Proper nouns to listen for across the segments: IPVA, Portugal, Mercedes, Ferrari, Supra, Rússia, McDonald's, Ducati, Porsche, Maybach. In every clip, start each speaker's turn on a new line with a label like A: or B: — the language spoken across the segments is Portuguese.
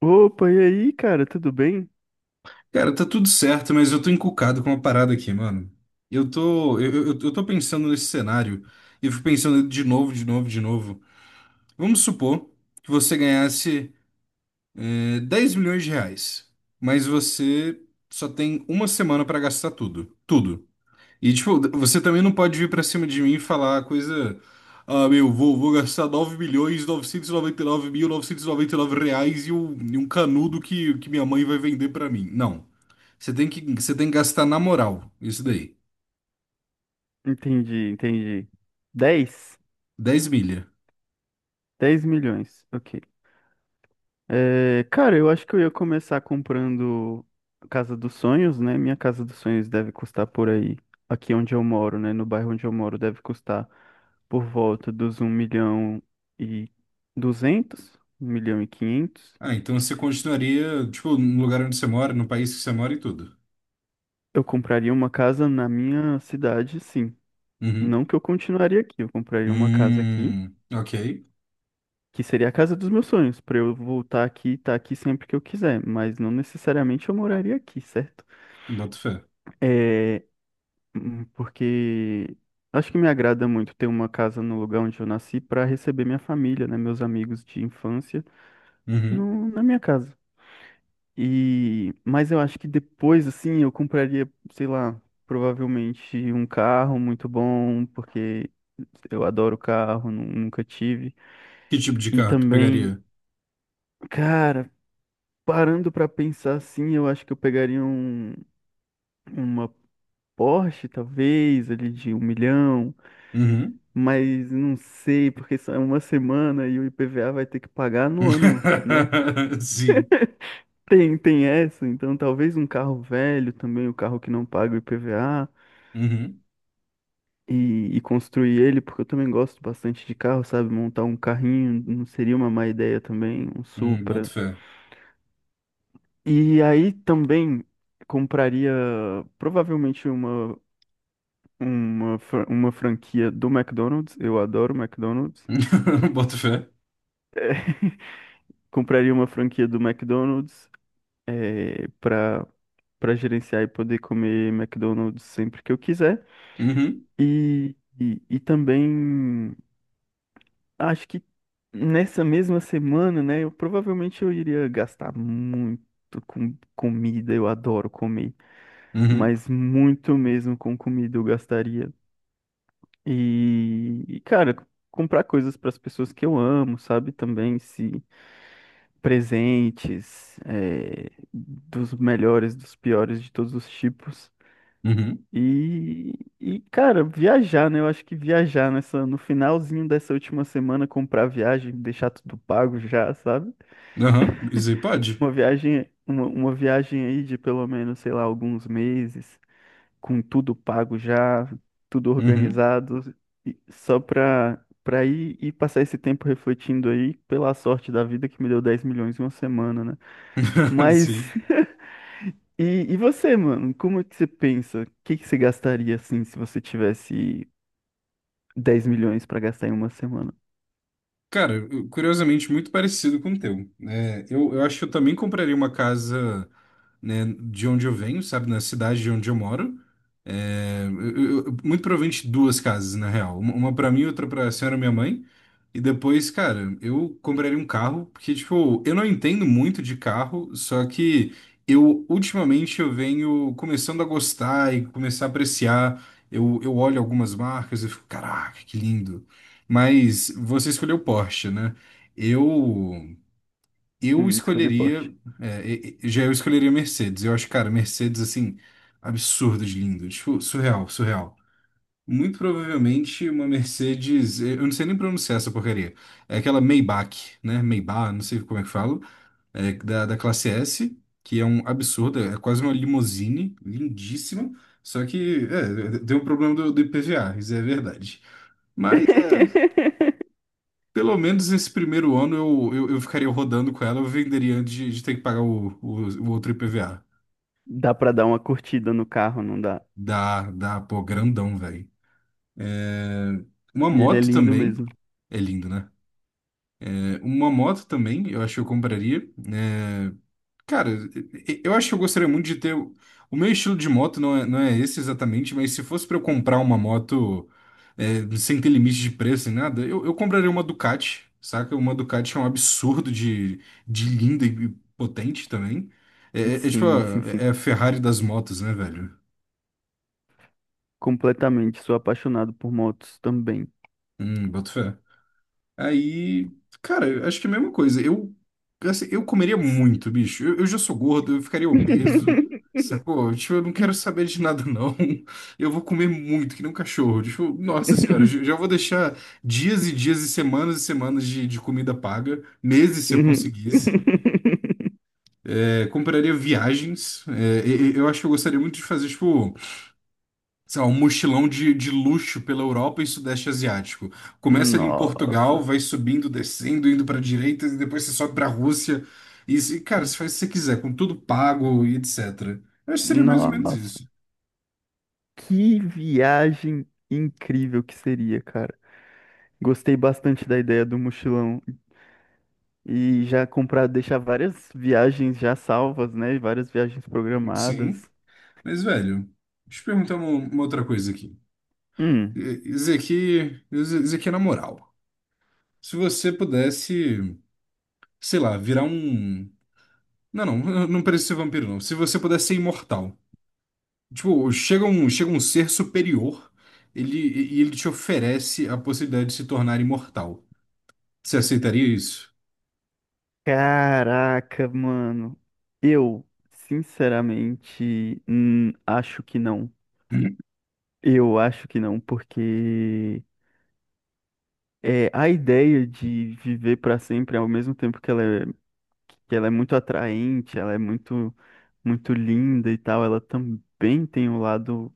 A: Opa, e aí, cara, tudo bem?
B: Cara, tá tudo certo, mas eu tô encucado com uma parada aqui, mano. Eu tô pensando nesse cenário e eu fico pensando de novo, de novo, de novo. Vamos supor que você ganhasse, 10 milhões de reais, mas você só tem uma semana pra gastar tudo. Tudo. E, tipo, você também não pode vir pra cima de mim e falar coisa. Ah, meu, vou gastar R$ 9.999.999 e um canudo que minha mãe vai vender pra mim. Não. Você tem que gastar na moral, isso daí.
A: Entendi, entendi. 10,
B: Dez milha.
A: 10 milhões, ok. Cara, eu acho que eu ia começar comprando a Casa dos Sonhos, né? Minha Casa dos Sonhos deve custar por aí, aqui onde eu moro, né? No bairro onde eu moro, deve custar por volta dos um milhão e duzentos, um milhão e 500.
B: Ah, então você continuaria, tipo, no lugar onde você mora, no país que você mora e tudo.
A: Eu compraria uma casa na minha cidade, sim.
B: Uhum.
A: Não que eu continuaria aqui, eu compraria uma casa aqui,
B: Ok.
A: que seria a casa dos meus sonhos, para eu voltar aqui e estar aqui sempre que eu quiser, mas não necessariamente eu moraria aqui, certo?
B: Boto fé.
A: É, porque acho que me agrada muito ter uma casa no lugar onde eu nasci para receber minha família, né, meus amigos de infância,
B: Uhum.
A: no, na minha casa. Mas eu acho que depois, assim, eu compraria, sei lá, provavelmente um carro muito bom, porque eu adoro carro, nunca tive.
B: Que tipo de
A: E
B: carro tu
A: também,
B: pegaria?
A: cara, parando pra pensar assim, eu acho que eu pegaria uma Porsche, talvez, ali de um milhão,
B: Uhum.
A: mas não sei, porque só é uma semana e o IPVA vai ter que pagar no ano, né?
B: Sim.
A: Tem essa, então talvez um carro velho também, um carro que não paga o IPVA,
B: Uhum.
A: e construir ele, porque eu também gosto bastante de carro, sabe? Montar um carrinho não seria uma má ideia também, um
B: Boto
A: Supra.
B: fé.
A: E aí também compraria provavelmente uma franquia do McDonald's, eu adoro McDonald's.
B: Boto fé.
A: Compraria uma franquia do McDonald's, para gerenciar e poder comer McDonald's sempre que eu quiser.
B: Uhum,
A: E também acho que nessa mesma semana, né, eu provavelmente eu iria gastar muito com comida, eu adoro comer,
B: uhum,
A: mas muito mesmo com comida eu gastaria. Cara, comprar coisas para as pessoas que eu amo, sabe? Também se presentes é, dos melhores, dos piores, de todos os tipos.
B: uhum.
A: E, cara, viajar, né? Eu acho que viajar no finalzinho dessa última semana, comprar viagem, deixar tudo pago já, sabe?
B: Aham, isso aí pode.
A: Uma viagem aí de pelo menos, sei lá, alguns meses, com tudo pago já, tudo
B: Uhum.
A: organizado, e só pra ir e passar esse tempo refletindo aí, pela sorte da vida que me deu 10 milhões em uma semana, né?
B: Sim.
A: Mas você, mano? Como é que você pensa? O que que você gastaria assim se você tivesse 10 milhões para gastar em uma semana?
B: Cara, curiosamente, muito parecido com o teu. É, eu acho que eu também compraria uma casa, né, de onde eu venho, sabe, na cidade de onde eu moro. É, muito provavelmente duas casas, na real. Uma para mim, outra para a senhora minha mãe. E depois, cara, eu compraria um carro, porque, tipo, eu não entendo muito de carro, só que eu, ultimamente, eu venho começando a gostar e começar a apreciar. Eu olho algumas marcas e fico, caraca, que lindo. Mas você escolheu Porsche, né? Eu eu
A: Sim, escolher
B: escolheria,
A: Porsche.
B: já eu escolheria Mercedes. Eu acho, cara, Mercedes assim absurdo de lindo, tipo, surreal, surreal. Muito provavelmente uma Mercedes, eu não sei nem pronunciar essa porcaria. É aquela Maybach, né? Maybach, não sei como é que falo, é da classe S, que é um absurdo, é quase uma limousine, lindíssima. Só que é, deu um problema do IPVA, isso é verdade. Mas é. Pelo menos esse primeiro ano eu ficaria rodando com ela, eu venderia antes de ter que pagar o outro IPVA.
A: Dá pra dar uma curtida no carro, não dá?
B: Dá, dá, pô, grandão, velho. É, uma
A: E ele é
B: moto
A: lindo
B: também.
A: mesmo.
B: É lindo, né? É, uma moto também, eu acho que eu compraria, né? Cara, eu acho que eu gostaria muito de ter. O meu estilo de moto não é esse exatamente, mas se fosse pra eu comprar uma moto, sem ter limite de preço nem nada, eu compraria uma Ducati, saca? Uma Ducati é um absurdo de linda e potente também. É, é- é tipo a,
A: Sim, sim, sim.
B: é a Ferrari das motos, né, velho?
A: Completamente. Sou apaixonado por motos também.
B: Boto fé. Aí, cara, eu acho que é a mesma coisa. Eu, assim, eu comeria muito, bicho. Eu já sou gordo, eu ficaria obeso, sacou? Tipo, eu não quero saber de nada, não. Eu vou comer muito, que nem um cachorro. Tipo, nossa senhora, já já vou deixar dias e dias e semanas de comida paga, meses se eu conseguisse. É, compraria viagens. É, eu acho que eu gostaria muito de fazer, tipo, sei lá, um mochilão de luxo pela Europa e Sudeste Asiático. Começa ali em Portugal,
A: Nossa,
B: vai subindo, descendo, indo para direita, e depois você sobe para a Rússia. E, cara, você faz o que você quiser, com tudo pago e etc. Eu acho que seria mais ou menos
A: nossa,
B: isso.
A: que viagem incrível que seria, cara. Gostei bastante da ideia do mochilão e já comprar, deixar várias viagens já salvas, né? Várias viagens
B: Sim.
A: programadas.
B: Mas, velho, deixa eu perguntar uma outra coisa aqui.
A: Hum,
B: Isso aqui, isso aqui é na moral. Se você pudesse, sei lá, virar um. Não, não, não precisa ser vampiro, não. Se você pudesse ser imortal. Tipo, chega um ser superior, ele, e ele te oferece a possibilidade de se tornar imortal. Você aceitaria isso?
A: caraca, mano. Eu, sinceramente, acho que não. Eu acho que não, porque é, a ideia de viver para sempre, ao mesmo tempo que ela é muito atraente, ela é muito, muito linda e tal, ela também tem o lado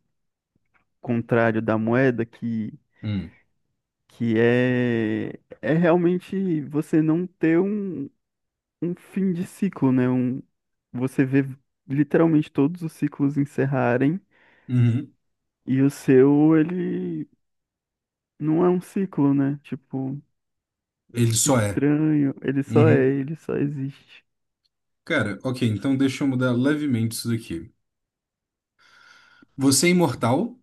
A: contrário da moeda,
B: Hum.
A: é realmente você não ter um fim de ciclo, né? Você vê literalmente todos os ciclos encerrarem
B: Uhum.
A: e o seu, ele não é um ciclo, né? Tipo,
B: Ele só é.
A: estranho, ele só é,
B: Uhum.
A: ele só existe.
B: Cara, ok, então deixa eu mudar levemente isso daqui. Você é imortal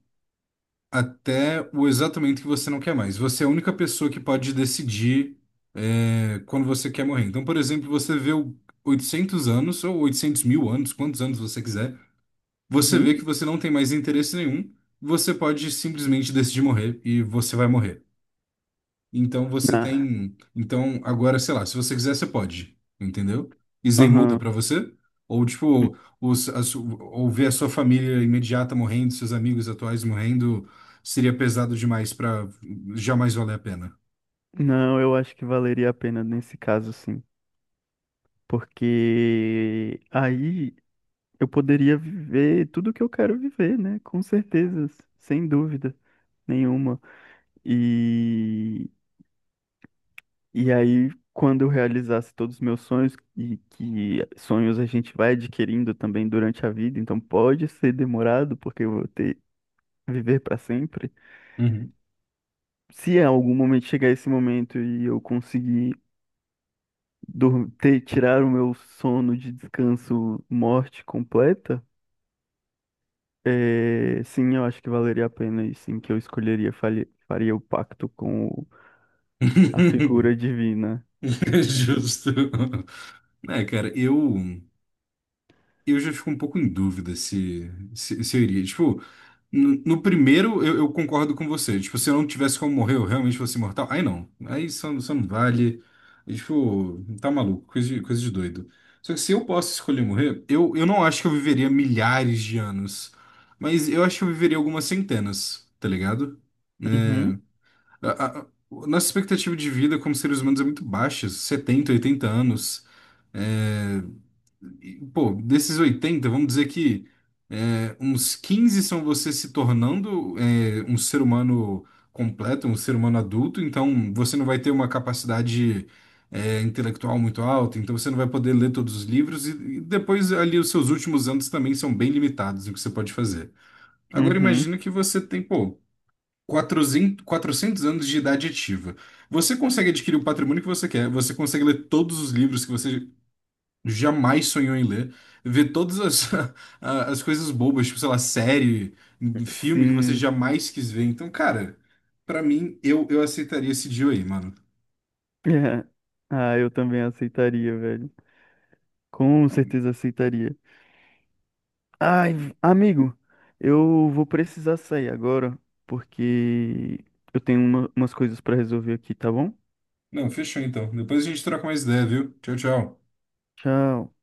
B: até o exato momento que você não quer mais. Você é a única pessoa que pode decidir, quando você quer morrer. Então, por exemplo, você viveu 800 anos ou 800.000 anos, quantos anos você quiser. Você vê
A: Uhum.
B: que você não tem mais interesse nenhum, você pode simplesmente decidir morrer e você vai morrer. Então você tem. Então agora, sei lá, se você quiser, você pode, entendeu? E Zen muda
A: Aham.
B: pra você? Ou tipo, ou ver a sua família imediata morrendo, seus amigos atuais morrendo, seria pesado demais pra jamais valer a pena.
A: Não, eu acho que valeria a pena nesse caso, sim. Porque aí eu poderia viver tudo o que eu quero viver, né? Com certeza, sem dúvida nenhuma. E, e aí, quando eu realizasse todos os meus sonhos, e que sonhos a gente vai adquirindo também durante a vida, então pode ser demorado, porque eu vou ter viver para sempre.
B: Uhum.
A: Se em algum momento chegar esse momento e eu conseguir tirar o meu sono de descanso morte completa, é, sim, eu acho que valeria a pena e sim que eu escolheria, faria o pacto com a figura divina.
B: Justo. É, cara, eu já fico um pouco em dúvida se eu iria. Tipo, no primeiro, eu concordo com você. Tipo, se eu não tivesse como morrer, eu realmente fosse imortal. Aí não. Aí só, isso não vale. E, tipo, tá maluco. Coisa de doido. Só que se eu posso escolher morrer, eu não acho que eu viveria milhares de anos. Mas eu acho que eu viveria algumas centenas, tá ligado? Né?
A: Uhum,
B: A, a- a- Nossa expectativa de vida como seres humanos é muito baixa, 70, 80 anos. É, Pô, desses 80 vamos dizer que uns 15 são você se tornando um ser humano completo, um ser humano adulto, então você não vai ter uma capacidade intelectual muito alta, então você não vai poder ler todos os livros, e depois ali os seus últimos anos também são bem limitados no que você pode fazer. Agora
A: uhum,
B: imagina que você tem, pô, quatrocentos anos de idade ativa. Você consegue adquirir o patrimônio que você quer, você consegue ler todos os livros que você jamais sonhou em ler, ver todas as, as coisas bobas, tipo, sei lá, série, filme que você
A: sim.
B: jamais quis ver. Então, cara, pra mim, eu aceitaria esse deal aí, mano.
A: É. Ah, eu também aceitaria, velho. Com certeza aceitaria. Ai, amigo, eu vou precisar sair agora, porque eu tenho umas coisas pra resolver aqui, tá bom?
B: Não, fechou então. Depois a gente troca mais ideia, viu? Tchau, tchau.
A: Tchau.